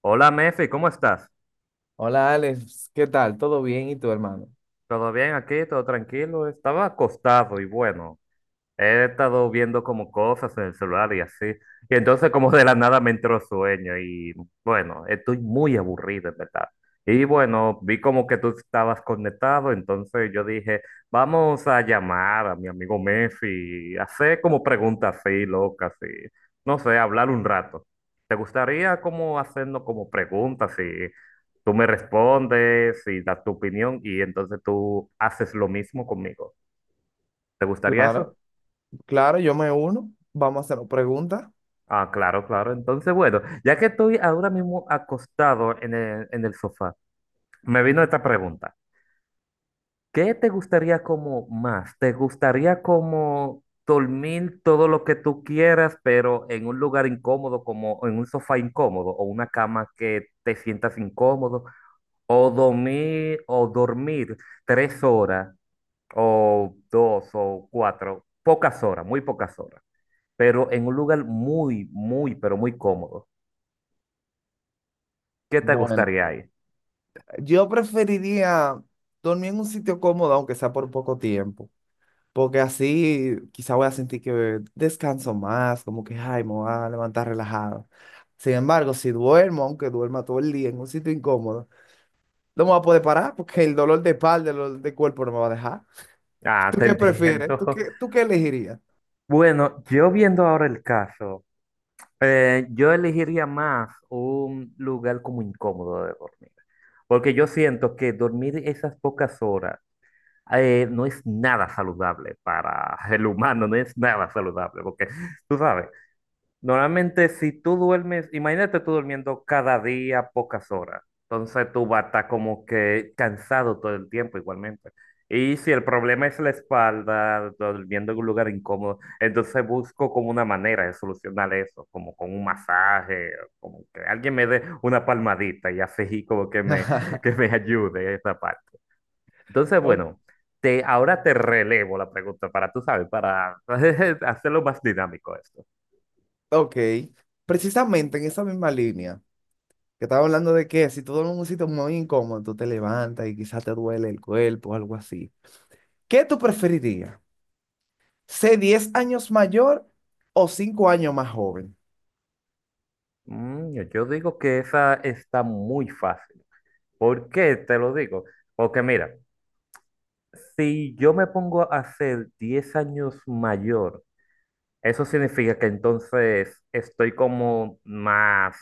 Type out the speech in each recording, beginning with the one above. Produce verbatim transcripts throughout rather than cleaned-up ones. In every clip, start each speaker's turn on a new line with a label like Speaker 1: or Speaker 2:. Speaker 1: Hola, Mefi, ¿cómo estás?
Speaker 2: Hola Alex, ¿qué tal? ¿Todo bien? ¿Y tu hermano?
Speaker 1: ¿Todo bien aquí? ¿Todo tranquilo? Estaba acostado y bueno, he estado viendo como cosas en el celular y así. Y entonces como de la nada me entró sueño y bueno, estoy muy aburrido, en verdad. Y bueno, vi como que tú estabas conectado, entonces yo dije, vamos a llamar a mi amigo Messi, y hacer como preguntas así, locas y no sé, hablar un rato. ¿Te gustaría como hacernos como preguntas y tú me respondes y das tu opinión y entonces tú haces lo mismo conmigo? ¿Te gustaría
Speaker 2: Claro,
Speaker 1: eso?
Speaker 2: claro, yo me uno. Vamos a hacer preguntas.
Speaker 1: Ah, claro, claro. Entonces, bueno, ya que estoy ahora mismo acostado en el, en el sofá, me vino esta pregunta. ¿Qué te gustaría como más? ¿Te gustaría como dormir todo lo que tú quieras, pero en un lugar incómodo, como en un sofá incómodo o una cama que te sientas incómodo? ¿O dormir, o dormir tres horas o dos o cuatro, pocas horas, muy pocas horas, pero en un lugar muy, muy, pero muy cómodo? ¿Qué te
Speaker 2: Bueno,
Speaker 1: gustaría ahí?
Speaker 2: Yo preferiría dormir en un sitio cómodo, aunque sea por poco tiempo, porque así quizá voy a sentir que descanso más, como que, ay, me voy a levantar relajado. Sin embargo, si duermo, aunque duerma todo el día en un sitio incómodo, no me voy a poder parar porque el dolor de espalda, el dolor de cuerpo no me va a dejar.
Speaker 1: Ah,
Speaker 2: ¿Tú
Speaker 1: te
Speaker 2: qué prefieres? ¿Tú
Speaker 1: entiendo.
Speaker 2: qué, tú qué elegirías?
Speaker 1: Bueno, yo viendo ahora el caso, eh, yo elegiría más un lugar como incómodo de dormir, porque yo siento que dormir esas pocas horas eh, no es nada saludable para el humano, no es nada saludable, porque tú sabes, normalmente, si tú duermes, imagínate tú durmiendo cada día pocas horas. Entonces tú vas a estar como que cansado todo el tiempo igualmente. Y si el problema es la espalda, durmiendo en un lugar incómodo, entonces busco como una manera de solucionar eso, como con un masaje, como que alguien me dé una palmadita y así como que me, que me ayude esa parte. Entonces,
Speaker 2: Ok,
Speaker 1: bueno, te, ahora te relevo la pregunta para, tú sabes, para hacerlo más dinámico esto.
Speaker 2: Ok, precisamente en esa misma línea, que estaba hablando de que si tú duermes en un sitio muy incómodo, tú te levantas y quizás te duele el cuerpo o algo así. ¿Qué tú preferirías? ¿Ser diez años mayor o cinco años más joven?
Speaker 1: Mm, yo yo digo que esa está muy fácil. ¿Por qué te lo digo? Porque mira, si yo me pongo a ser diez años mayor, eso significa que entonces estoy como más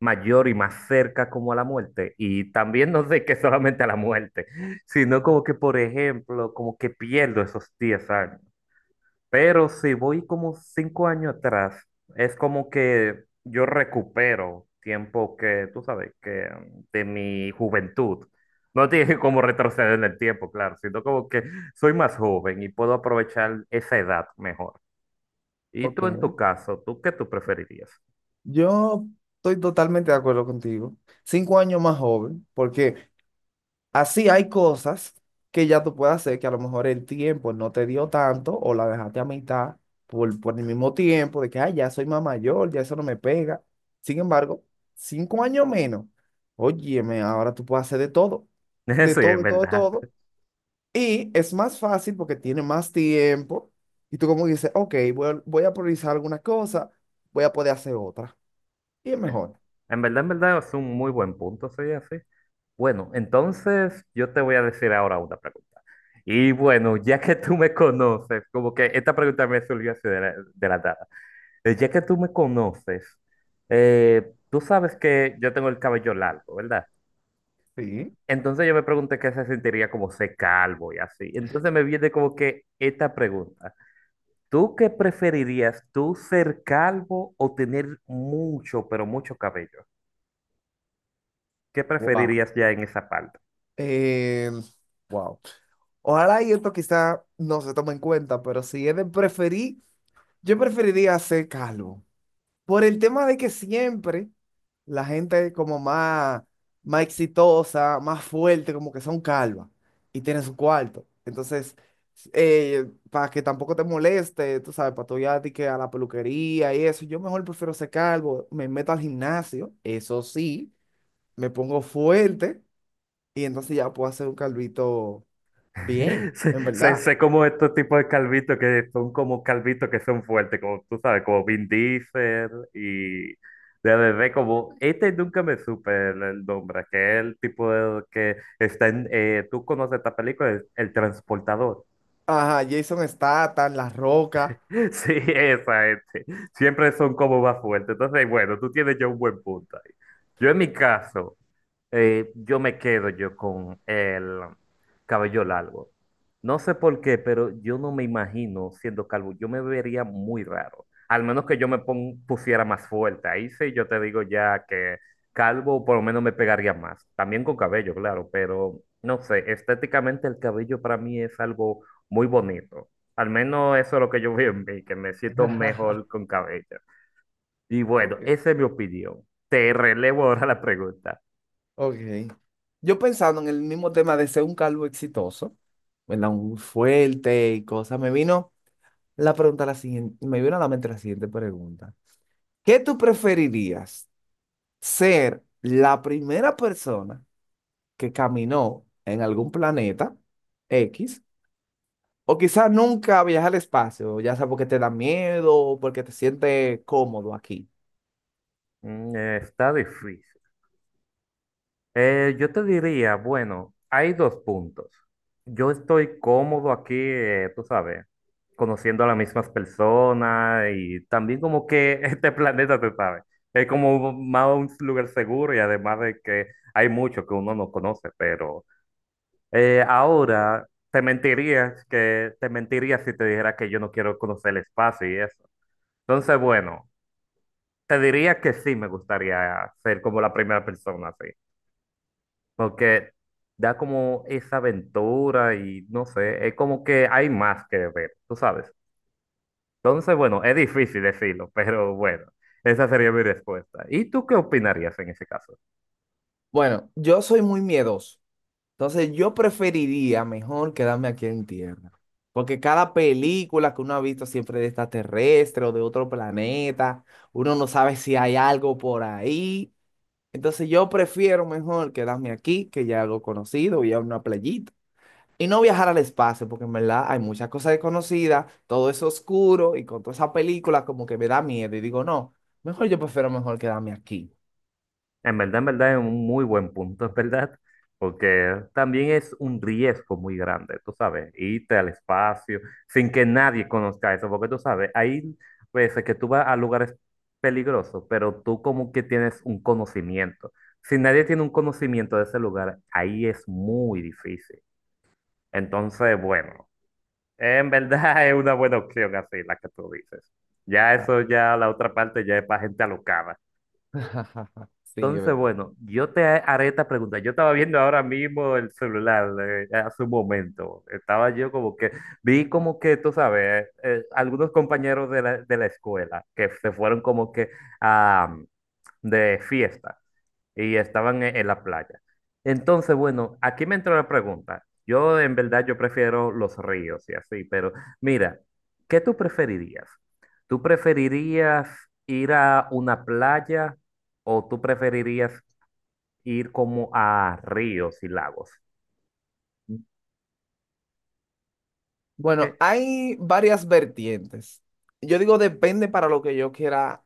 Speaker 1: mayor y más cerca como a la muerte. Y también no sé que solamente a la muerte, sino como que, por ejemplo, como que pierdo esos diez años. Pero si voy como cinco años atrás, es como que yo recupero tiempo que, tú sabes, que mm, de mi juventud. No tiene como retroceder en el tiempo, claro, sino como que soy más joven y puedo aprovechar esa edad mejor. Y tú en
Speaker 2: Ok,
Speaker 1: tu caso, ¿tú qué tú preferirías?
Speaker 2: yo estoy totalmente de acuerdo contigo. Cinco años más joven, porque así hay cosas que ya tú puedes hacer que a lo mejor el tiempo no te dio tanto o la dejaste a mitad por, por el mismo tiempo de que, ay, ya soy más mayor, ya eso no me pega. Sin embargo, cinco años menos, óyeme, ahora tú puedes hacer de todo, de
Speaker 1: Eso es
Speaker 2: todo,
Speaker 1: en
Speaker 2: de todo, de
Speaker 1: verdad.
Speaker 2: todo. Y es más fácil porque tiene más tiempo y tú como dices, ok, voy, a- voy a priorizar alguna cosa, voy a poder hacer otra. Y es mejor.
Speaker 1: En verdad, en verdad es un muy buen punto, soy así. Bueno, entonces yo te voy a decir ahora una pregunta. Y bueno, ya que tú me conoces, como que esta pregunta me surgió así de la, de la nada. Eh, Ya que tú me conoces, eh, tú sabes que yo tengo el cabello largo, ¿verdad?
Speaker 2: Sí.
Speaker 1: Entonces yo me pregunté qué se sentiría como ser calvo y así. Entonces me viene como que esta pregunta. ¿Tú qué preferirías, tú ser calvo o tener mucho, pero mucho cabello? ¿Qué
Speaker 2: Wow.
Speaker 1: preferirías ya en esa parte?
Speaker 2: Eh, wow. Ojalá y esto quizá no se tome en cuenta, pero si es de preferir, yo preferiría ser calvo. Por el tema de que siempre la gente como más, más exitosa, más fuerte, como que son calvas y tienen su cuarto. Entonces, eh, para que tampoco te moleste, tú sabes, para tú ya de que a la peluquería y eso, yo mejor prefiero ser calvo, me meto al gimnasio, eso sí, me pongo fuerte y entonces ya puedo hacer un calvito bien,
Speaker 1: Sé,
Speaker 2: en
Speaker 1: sé-
Speaker 2: verdad.
Speaker 1: sé como estos tipos de calvitos que son como calvitos que son fuertes, como tú sabes, como Vin Diesel y de bebé, como este nunca me supe el, el nombre, que es el tipo de, que está en, eh, tú conoces esta película, el, el transportador.
Speaker 2: Ajá, Jason Statham, La Roca.
Speaker 1: Sí, esa este. Siempre son como más fuertes. Entonces, bueno, tú tienes ya un buen punto ahí. Yo en mi caso. Eh, yo me quedo yo con el cabello largo. No sé por qué, pero yo no me imagino siendo calvo. Yo me vería muy raro. Al menos que yo me pon- pusiera más fuerte. Ahí sí yo te digo ya que calvo por lo menos me pegaría más. También con cabello, claro, pero no sé, estéticamente el cabello para mí es algo muy bonito. Al menos eso es lo que yo veo en mí, que me siento mejor con cabello. Y bueno,
Speaker 2: Ok.
Speaker 1: esa es mi opinión. Te relevo ahora la pregunta.
Speaker 2: Ok. Yo pensando en el mismo tema de ser un calvo exitoso, ¿verdad? Un fuerte y cosas, me vino la pregunta la siguiente, me vino a la mente la siguiente pregunta. ¿Qué tú preferirías? ¿Ser la primera persona que caminó en algún planeta X? O quizás nunca viajar al espacio, ya sea porque te da miedo o porque te sientes cómodo aquí.
Speaker 1: Mm, eh, está difícil. Eh, yo te diría, bueno, hay dos puntos. Yo estoy cómodo aquí, eh, tú sabes, conociendo a las mismas personas y también como que este planeta, tú sabes, es como más un lugar seguro y además de que hay mucho que uno no conoce, pero eh, ahora te mentiría que te mentiría si te dijera que yo no quiero conocer el espacio y eso. Entonces, bueno, te diría que sí me gustaría ser como la primera persona, sí. Porque da como esa aventura y no sé, es como que hay más que ver, tú sabes. Entonces, bueno, es difícil decirlo, pero bueno, esa sería mi respuesta. ¿Y tú qué opinarías en ese caso?
Speaker 2: Bueno, yo soy muy miedoso. Entonces yo preferiría mejor quedarme aquí en tierra, porque cada película que uno ha visto siempre de extraterrestre o de otro planeta, uno no sabe si hay algo por ahí. Entonces yo prefiero mejor quedarme aquí, que ya algo conocido, ir a una playita. Y no viajar al espacio, porque en verdad hay muchas cosas desconocidas, todo es oscuro y con toda esa película como que me da miedo y digo, no, mejor yo prefiero mejor quedarme aquí.
Speaker 1: En verdad, en verdad es un muy buen punto, es verdad, porque también es un riesgo muy grande, tú sabes, irte al espacio sin que nadie conozca eso, porque tú sabes, hay veces que tú vas a lugares peligrosos, pero tú como que tienes un conocimiento. Si nadie tiene un conocimiento de ese lugar, ahí es muy difícil. Entonces, bueno, en verdad es una buena opción así, la que tú dices. Ya eso, ya la otra parte ya es para gente alocada.
Speaker 2: Sí, es
Speaker 1: Entonces,
Speaker 2: verdad.
Speaker 1: bueno, yo te haré esta pregunta. Yo estaba viendo ahora mismo el celular eh, hace un momento. Estaba yo como que, vi como que, tú sabes, eh, algunos compañeros de la, de la escuela que se fueron como que a, de fiesta y estaban en, en la playa. Entonces, bueno, aquí me entró la pregunta. Yo en verdad yo prefiero los ríos y así, pero mira, ¿qué tú preferirías? ¿Tú preferirías ir a una playa? ¿O tú preferirías ir como a ríos y lagos?
Speaker 2: Bueno,
Speaker 1: Que,
Speaker 2: hay varias vertientes. Yo digo depende para lo que yo quiera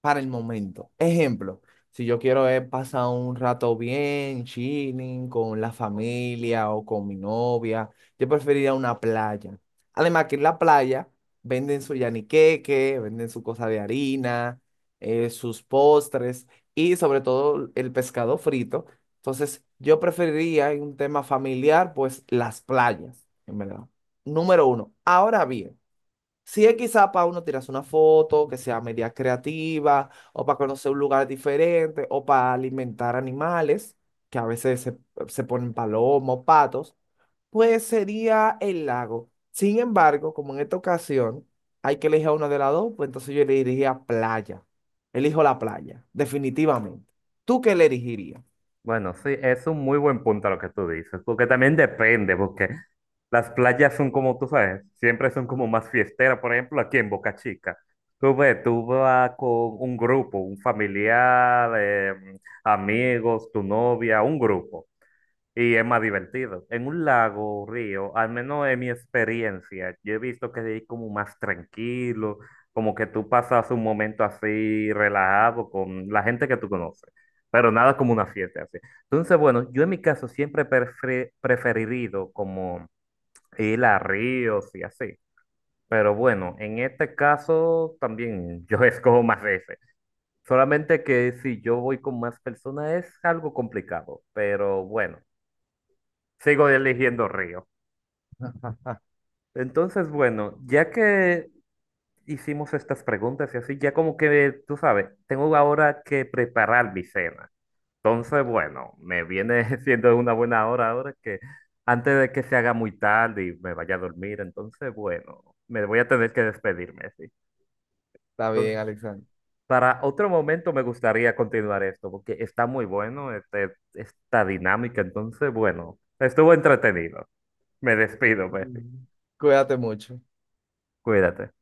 Speaker 2: para el momento. Ejemplo, si yo quiero eh, pasar un rato bien, chilling, con la familia o con mi novia, yo preferiría una playa. Además que en la playa venden su yaniqueque, venden su cosa de harina, eh, sus postres y sobre todo el pescado frito. Entonces, yo preferiría en un tema familiar, pues las playas, en verdad. Número uno. Ahora bien. Si es quizá para uno tirarse una foto, que sea media creativa, o para conocer un lugar diferente, o para alimentar animales, que a veces se, se ponen palomos, patos, pues sería el lago. Sin embargo, como en esta ocasión hay que elegir a una de las dos, pues entonces yo elegiría playa. Elijo la playa, definitivamente. ¿Tú qué le elegirías?
Speaker 1: bueno, sí, es un muy buen punto lo que tú dices, porque también depende, porque las playas son como tú sabes, siempre son como más fiesteras, por ejemplo, aquí en Boca Chica. Tú ves, tú vas con un grupo, un familiar, eh, amigos, tu novia, un grupo. Y es más divertido. En un lago, río, al menos en mi experiencia, yo he visto que es como más tranquilo, como que tú pasas un momento así relajado con la gente que tú conoces, pero nada como una fiesta así. Entonces, bueno, yo en mi caso siempre he prefe- preferido como ir a ríos y así. Pero bueno, en este caso también yo escojo más ese. Solamente que si yo voy con más personas es algo complicado, pero bueno. Sigo eligiendo río. Entonces, bueno, ya que hicimos estas preguntas y así, ya como que, tú sabes, tengo ahora que preparar mi cena. Entonces, bueno, me viene siendo una buena hora ahora que antes de que se haga muy tarde y me vaya a dormir, entonces, bueno, me voy a tener que despedirme, sí.
Speaker 2: Está
Speaker 1: Entonces,
Speaker 2: bien, Alexander.
Speaker 1: para otro momento me gustaría continuar esto, porque está muy bueno este, esta dinámica, entonces, bueno, estuvo entretenido. Me despido, Messi.
Speaker 2: Mm. Cuídate mucho.
Speaker 1: Cuídate.